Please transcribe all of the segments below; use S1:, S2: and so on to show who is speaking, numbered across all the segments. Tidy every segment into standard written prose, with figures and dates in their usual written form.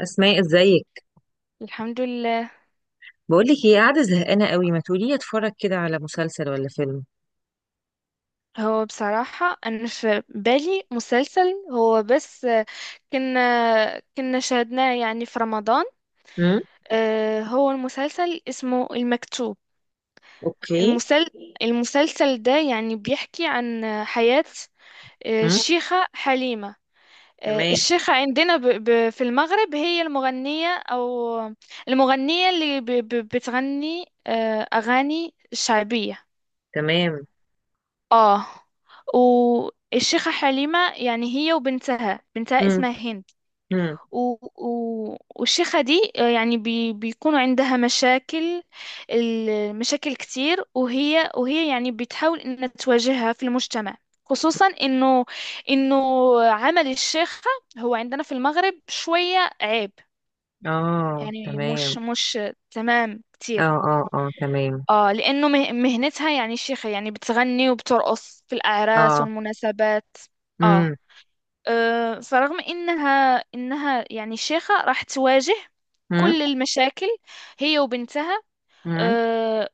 S1: اسماء، ازيك؟
S2: الحمد لله.
S1: بقول لك ايه، قاعده زهقانه قوي، ما تقولي لي اتفرج كده على مسلسل ولا فيلم؟
S2: هو بصراحة أنا في بالي مسلسل، هو بس كنا كنا شاهدناه يعني في رمضان.
S1: امم.
S2: هو المسلسل اسمه المكتوب.
S1: اوكي.
S2: المسل... المسلسل ده يعني بيحكي عن حياة
S1: امم.
S2: الشيخة حليمة.
S1: تمام.
S2: الشيخة عندنا في المغرب هي المغنية، أو المغنية اللي بتغني أغاني شعبية.
S1: تمام.
S2: اه. والشيخة حليمة يعني هي وبنتها
S1: امم،
S2: اسمها هند.
S1: امم.
S2: و... والشيخة دي يعني بيكونوا عندها مشاكل، المشاكل كتير، وهي يعني بتحاول انها تواجهها في المجتمع، خصوصا انه عمل الشيخة هو عندنا في المغرب شوية عيب.
S1: اه،
S2: يعني
S1: تمام.
S2: مش تمام
S1: اه،
S2: كتير.
S1: اه، اه، تمام.
S2: اه لانه مهنتها يعني شيخة، يعني بتغني وبترقص في الاعراس
S1: اه.
S2: والمناسبات. اه
S1: امم،
S2: فرغم انها يعني شيخة راح تواجه
S1: امم.
S2: كل المشاكل، هي وبنتها.
S1: امم.
S2: آه،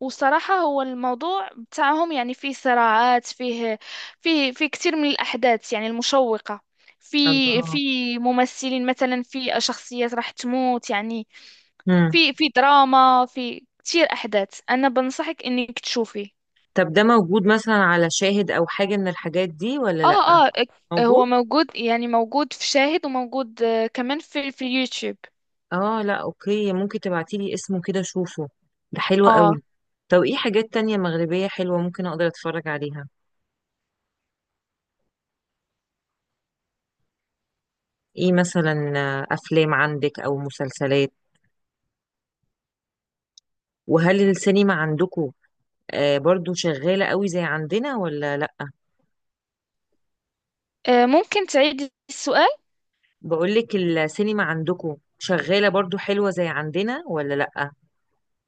S2: وصراحة هو الموضوع بتاعهم يعني فيه صراعات، فيه كثير من الأحداث يعني المشوقة. في في
S1: الله.
S2: ممثلين، مثلا في شخصيات راح تموت يعني،
S1: امم.
S2: في في دراما، في كتير احداث، انا بنصحك انك تشوفيه.
S1: طب، ده موجود مثلا على شاهد او حاجه من الحاجات دي ولا لا؟
S2: اه اه،
S1: موجود؟
S2: هو موجود، يعني موجود في شاهد، وموجود كمان في اليوتيوب.
S1: اه، لا، اوكي، ممكن تبعتي لي اسمه كده اشوفه. ده حلو
S2: اه.
S1: قوي. طب، ايه حاجات تانية مغربيه حلوه ممكن اقدر اتفرج عليها؟ ايه مثلا؟ افلام عندك او مسلسلات؟ وهل السينما عندكم برضو شغالة قوي زي عندنا ولا لأ؟
S2: ممكن تعيدي السؤال؟
S1: بقولك، السينما عندكم شغالة برضو حلوة زي عندنا ولا لأ؟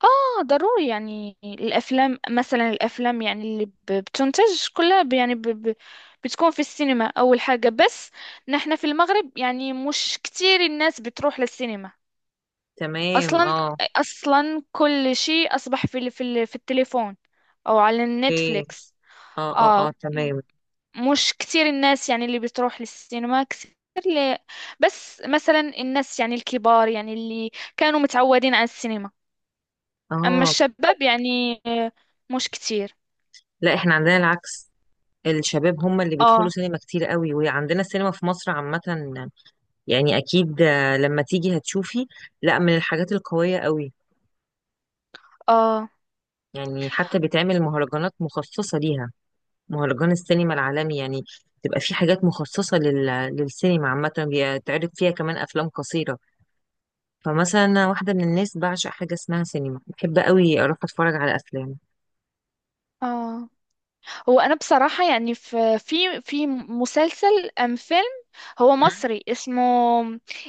S2: اه ضروري، يعني الافلام مثلا، الافلام يعني اللي بتنتج كلها يعني ب ب بتكون في السينما اول حاجة، بس نحن في المغرب يعني مش كتير الناس بتروح للسينما.
S1: تمام،
S2: اصلا
S1: اه.
S2: اصلا كل شيء اصبح في التليفون او على
S1: اوكي.
S2: النتفليكس.
S1: اه، اه،
S2: اه،
S1: اه، تمام.
S2: مش كتير الناس يعني اللي بتروح للسينما كتير. ل... بس مثلا الناس يعني الكبار، يعني اللي كانوا متعودين على السينما، اما
S1: اه.
S2: الشباب يعني مش كتير.
S1: لا، احنا عندنا العكس. الشباب هم اللي بيدخلوا
S2: اه
S1: سينما كتير قوي، وعندنا السينما في مصر عامة. يعني اكيد لما تيجي هتشوفي. لا، من الحاجات القوية قوي.
S2: اه
S1: يعني حتى بيتعمل مهرجانات مخصصة ليها، مهرجان السينما العالمي يعني. تبقى في حاجات مخصصة للسينما عامة، بيتعرض فيها كمان أفلام قصيرة. فمثلا أنا واحدة من الناس بعشق حاجة اسمها سينما، بحب قوي أروح أتفرج على أفلام.
S2: اه هو انا بصراحة يعني في مسلسل ام فيلم، هو
S1: مم.
S2: مصري. اسمه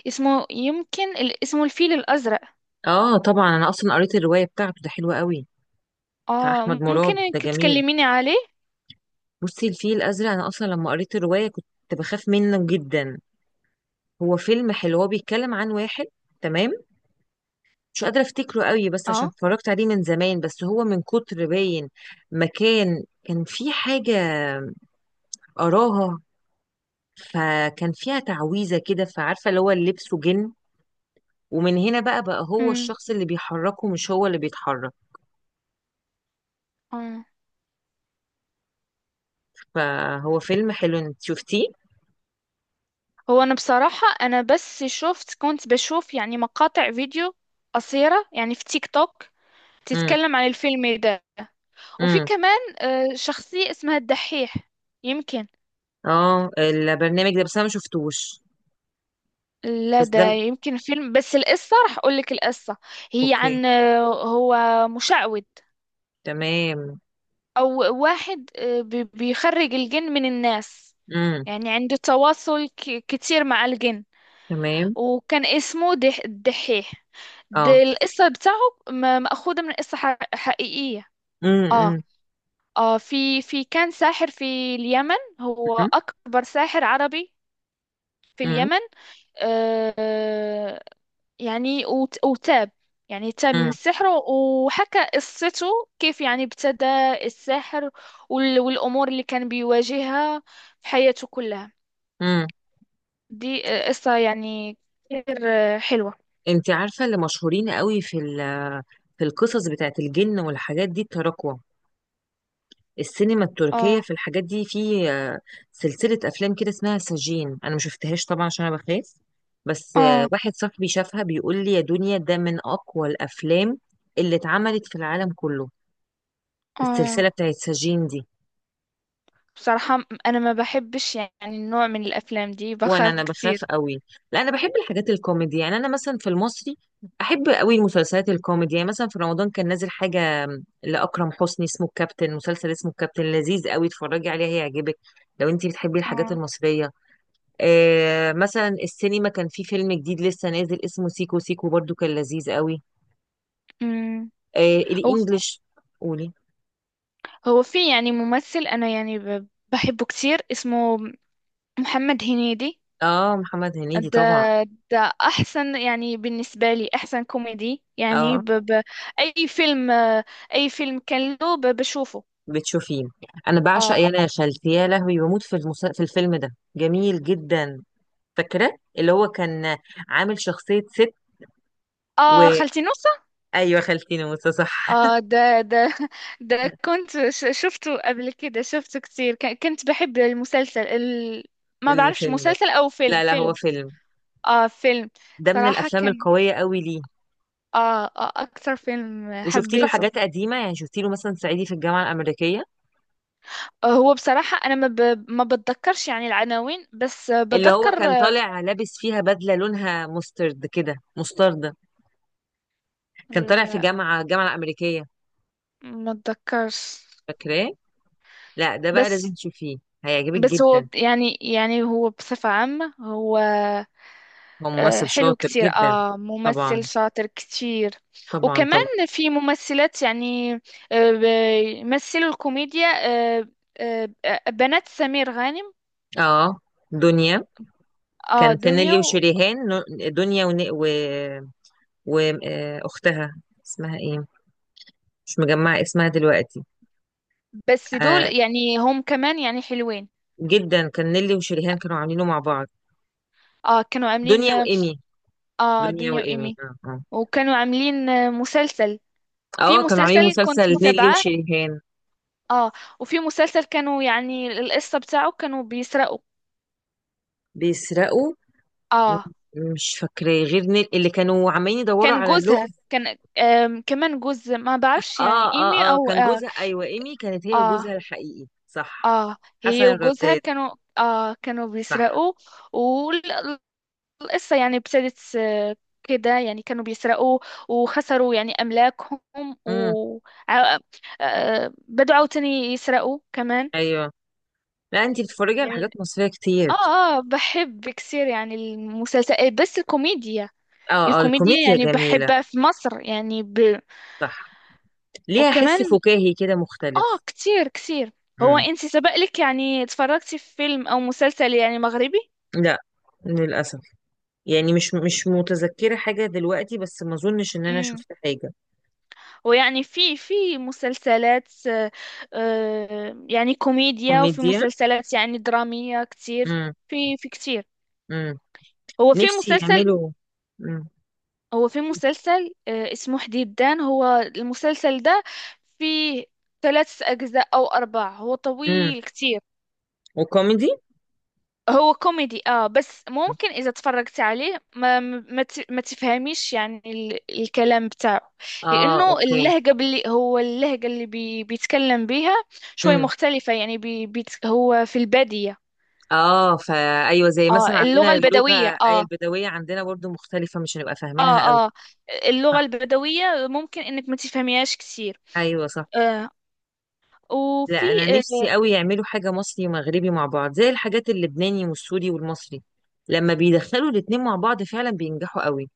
S2: اسمه، يمكن اسمه الفيل الازرق.
S1: آه، طبعا أنا أصلا قريت الرواية بتاعته، ده حلوة قوي. بتاع
S2: اه
S1: أحمد
S2: ممكن
S1: مراد، ده
S2: انك
S1: جميل.
S2: تكلميني عليه.
S1: بصي، الفيل الأزرق، أنا أصلا لما قريت الرواية كنت بخاف منه جدا. هو فيلم حلو، هو بيتكلم عن واحد. تمام. مش قادرة أفتكره قوي، بس عشان
S2: اه
S1: اتفرجت عليه من زمان، بس هو من كتر باين، مكان كان في حاجة قراها، فكان فيها تعويذة كده، فعارفة اللي هو لبسه جن. ومن هنا بقى هو
S2: امم
S1: الشخص اللي بيحركه، مش هو اللي بيتحرك.
S2: اه
S1: فهو فيلم حلو. انت شفتيه؟
S2: هو انا بصراحة انا بس شفت، كنت بشوف يعني مقاطع فيديو قصيرة يعني في تيك توك
S1: امم،
S2: تتكلم عن الفيلم ده. وفي
S1: امم.
S2: كمان شخصية اسمها الدحيح، يمكن.
S1: اه، البرنامج ده، بس انا ما شفتوش.
S2: لا
S1: بس
S2: ده
S1: ده.
S2: يمكن فيلم، بس القصة راح اقول لك. القصة هي
S1: اوكي.
S2: عن هو مشعوذ،
S1: تمام.
S2: او واحد بيخرج الجن من الناس،
S1: امم.
S2: يعني عنده تواصل كتير مع الجن،
S1: تمام.
S2: وكان اسمه الدحيح. ده
S1: اه.
S2: القصة بتاعه، مأخوذة من قصة حقيقية.
S1: امم،
S2: اه
S1: امم،
S2: اه، في كان ساحر في اليمن، هو
S1: امم،
S2: أكبر ساحر عربي في
S1: امم،
S2: اليمن. آه يعني وتاب، يعني تاب من
S1: امم،
S2: السحر وحكى قصته، كيف يعني ابتدى السحر، والأمور اللي كان بيواجهها في حياته كلها.
S1: امم.
S2: دي قصة يعني كتير حلوة.
S1: انت عارفة اللي مشهورين قوي في في القصص بتاعت الجن والحاجات دي، التراكوة، السينما التركية،
S2: اه
S1: في الحاجات دي في سلسلة أفلام كده اسمها سجين، أنا ما شفتهاش طبعا عشان أنا بخاف. بس
S2: اه
S1: واحد صاحبي شافها بيقول لي يا دنيا، ده من أقوى الأفلام اللي اتعملت في العالم كله،
S2: اه
S1: السلسلة بتاعت سجين دي.
S2: بصراحة، أنا ما بحبش يعني النوع من الأفلام دي،
S1: وأنا
S2: بخاف
S1: أنا
S2: كتير.
S1: بخاف قوي. لا، أنا بحب الحاجات الكوميدي، يعني أنا مثلا في المصري أحب قوي المسلسلات الكوميدي. يعني مثلا في رمضان كان نازل حاجة لأكرم حسني اسمه الكابتن، مسلسل اسمه الكابتن لذيذ قوي، اتفرجي عليه هيعجبك لو انتي بتحبي الحاجات
S2: اه
S1: المصرية. مثلا السينما كان في فيلم جديد لسه نازل اسمه سيكو سيكو، برضو كان لذيذ قوي.
S2: أمم.
S1: آه،
S2: هو
S1: الانجليش. قولي.
S2: في يعني ممثل أنا يعني بحبه كتير، اسمه محمد هنيدي.
S1: اه، محمد هنيدي، طبعا.
S2: ده ده أحسن يعني بالنسبة لي، أحسن كوميدي، يعني
S1: اه،
S2: ب ب أي فيلم أي فيلم كان له بشوفه.
S1: بتشوفيه. انا بعشق
S2: آه
S1: يانا يا خالتي يا لهوي، بموت في في الفيلم ده، جميل جدا. فاكره اللي هو كان عامل شخصيه ست و
S2: خالتي نص.
S1: ايوه، خالتي ناموسه، صح.
S2: اه ده ده كنت شفته قبل كده، شفته كتير، كنت بحب ما بعرفش،
S1: الفيلم ده.
S2: مسلسل او
S1: لا، لا، هو
S2: فيلم.
S1: فيلم.
S2: اه فيلم.
S1: ده من
S2: صراحة
S1: الافلام
S2: كان
S1: القويه قوي ليه.
S2: اكتر فيلم
S1: وشفتي له
S2: حبيته.
S1: حاجات قديمه؟ يعني شفتي له مثلا صعيدي في الجامعه الامريكيه،
S2: هو بصراحة انا ما بتذكرش يعني العناوين، بس
S1: اللي هو
S2: بتذكر
S1: كان طالع لابس فيها بدلة لونها مسترد كده، مستردة، كان طالع في
S2: ال-
S1: الجامعة الأمريكية.
S2: ما اتذكرش.
S1: فاكراه؟ لا، ده بقى
S2: بس
S1: لازم تشوفيه، هيعجبك
S2: هو
S1: جدا.
S2: يعني هو بصفة عامة هو
S1: هو ممثل
S2: حلو
S1: شاطر
S2: كتير،
S1: جدا.
S2: آه ممثل
S1: طبعا.
S2: شاطر كتير.
S1: طبعا، طبعا.
S2: وكمان في ممثلات يعني آه، ب- يمثلوا الكوميديا، آه، بنات سمير غانم.
S1: اه، دنيا.
S2: آه
S1: كان في
S2: دنيا
S1: نيلي وشريهان دنيا و... آه، أختها اسمها ايه؟ مش مجمعة اسمها دلوقتي.
S2: بس دول
S1: آه.
S2: يعني هم كمان يعني حلوين.
S1: جدا، كان نيلي وشريهان كانوا عاملينه مع بعض.
S2: آه كانوا عاملين،
S1: دنيا وإيمي.
S2: آه
S1: دنيا
S2: دنيا
S1: وإيمي،
S2: وإيمي.
S1: اه، اه.
S2: وكانوا عاملين مسلسل، في
S1: اه، كانوا عاملين
S2: مسلسل
S1: مسلسل
S2: كنت
S1: نيلي
S2: متابعاه.
S1: وشريهان.
S2: آه وفي مسلسل كانوا، يعني القصة بتاعه كانوا بيسرقوا.
S1: بيسرقوا. م-
S2: آه،
S1: مش فاكراه غير نيل، اللي كانوا عمالين يدوروا
S2: كان
S1: على
S2: جوزها
S1: اللغز.
S2: كان كمان جوز، ما بعرفش يعني
S1: اه،
S2: ايمي
S1: اه، اه،
S2: او
S1: كان
S2: اه.
S1: جوزها، ايوه، ايمي كانت هي
S2: اه,
S1: وجوزها الحقيقي، صح.
S2: آه
S1: حسن
S2: هي وجوزها
S1: الرداد.
S2: كانوا، كانوا
S1: صح.
S2: بيسرقوا، والقصة يعني ابتدت كده، يعني كانوا بيسرقوا، وخسروا يعني أملاكهم،
S1: امم.
S2: و آه، بدوا عاوتاني يسرقوا كمان،
S1: ايوه. لا، انتي بتتفرجي على حاجات
S2: يعني.
S1: مصرية كتير؟
S2: اه اه، بحب كثير يعني المسلسل، بس الكوميديا،
S1: اه، اه،
S2: الكوميديا
S1: الكوميديا
S2: يعني
S1: جميلة.
S2: بحبها في مصر، يعني
S1: صح. ليها حس
S2: وكمان
S1: فكاهي كده
S2: اه
S1: مختلف.
S2: كتير كتير. هو
S1: امم.
S2: انتي سبق لك يعني اتفرجتي في فيلم او مسلسل يعني مغربي؟
S1: لا. للأسف. يعني مش متذكرة حاجة دلوقتي، بس ما اظنش ان انا
S2: امم
S1: شفت حاجة.
S2: ويعني في مسلسلات يعني كوميديا، وفي
S1: كوميديا.
S2: مسلسلات يعني درامية كتير،
S1: امم،
S2: في كتير.
S1: امم.
S2: هو في
S1: نفسي
S2: مسلسل
S1: يعملوا.
S2: هو في مسلسل اسمه حديدان، هو المسلسل ده فيه ثلاث أجزاء أو أربع، هو
S1: امم.
S2: طويل كتير.
S1: وكوميدي؟
S2: هو كوميدي، اه بس ممكن اذا تفرجت عليه ما تفهميش يعني الكلام بتاعه،
S1: اه،
S2: لانه
S1: اوكي.
S2: اللهجة اللي بيتكلم بيها شوي
S1: امم.
S2: مختلفة، يعني بي بيت هو في البادية.
S1: اه، ايوه، زي مثلا
S2: اه اللغة
S1: عندنا اللغه
S2: البدوية،
S1: آية
S2: اه.
S1: البدويه عندنا برضو مختلفه، مش هنبقى فاهمينها قوي.
S2: اه اه، اللغة
S1: صح.
S2: البدوية ممكن انك ما تفهميهاش كثير.
S1: ايوه، صح.
S2: آه
S1: لا،
S2: وفي
S1: انا
S2: آه
S1: نفسي قوي يعملوا حاجه مصري ومغربي مع بعض، زي الحاجات اللبناني والسوري والمصري. لما بيدخلوا الاتنين مع بعض فعلا بينجحوا قوي.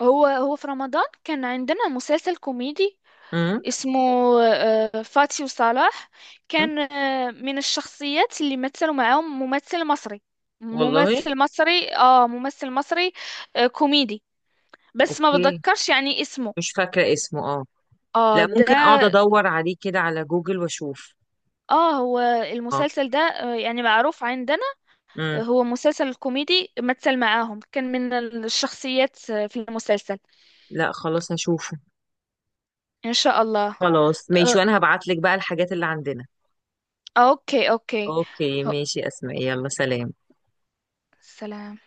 S2: هو في رمضان كان عندنا مسلسل كوميدي
S1: امم.
S2: اسمه فاتي وصلاح.
S1: أمم.
S2: كان من الشخصيات اللي مثلوا معاهم ممثل مصري،
S1: والله.
S2: ممثل مصري كوميدي، بس ما
S1: اوكي.
S2: بتذكرش يعني اسمه.
S1: مش فاكره اسمه، اه.
S2: اه
S1: لا،
S2: ده،
S1: ممكن اقعد ادور عليه كده على جوجل واشوف.
S2: اه هو
S1: اه.
S2: المسلسل ده يعني معروف عندنا،
S1: امم.
S2: هو مسلسل كوميدي، مثل معاهم كان من الشخصيات في المسلسل.
S1: لا، خلاص هشوفه.
S2: ان شاء الله.
S1: خلاص، ماشي،
S2: آه،
S1: وانا هبعت لك بقى الحاجات اللي عندنا.
S2: اوكي اوكي.
S1: اوكي،
S2: أو-
S1: ماشي اسماء، يلا سلام.
S2: سلام.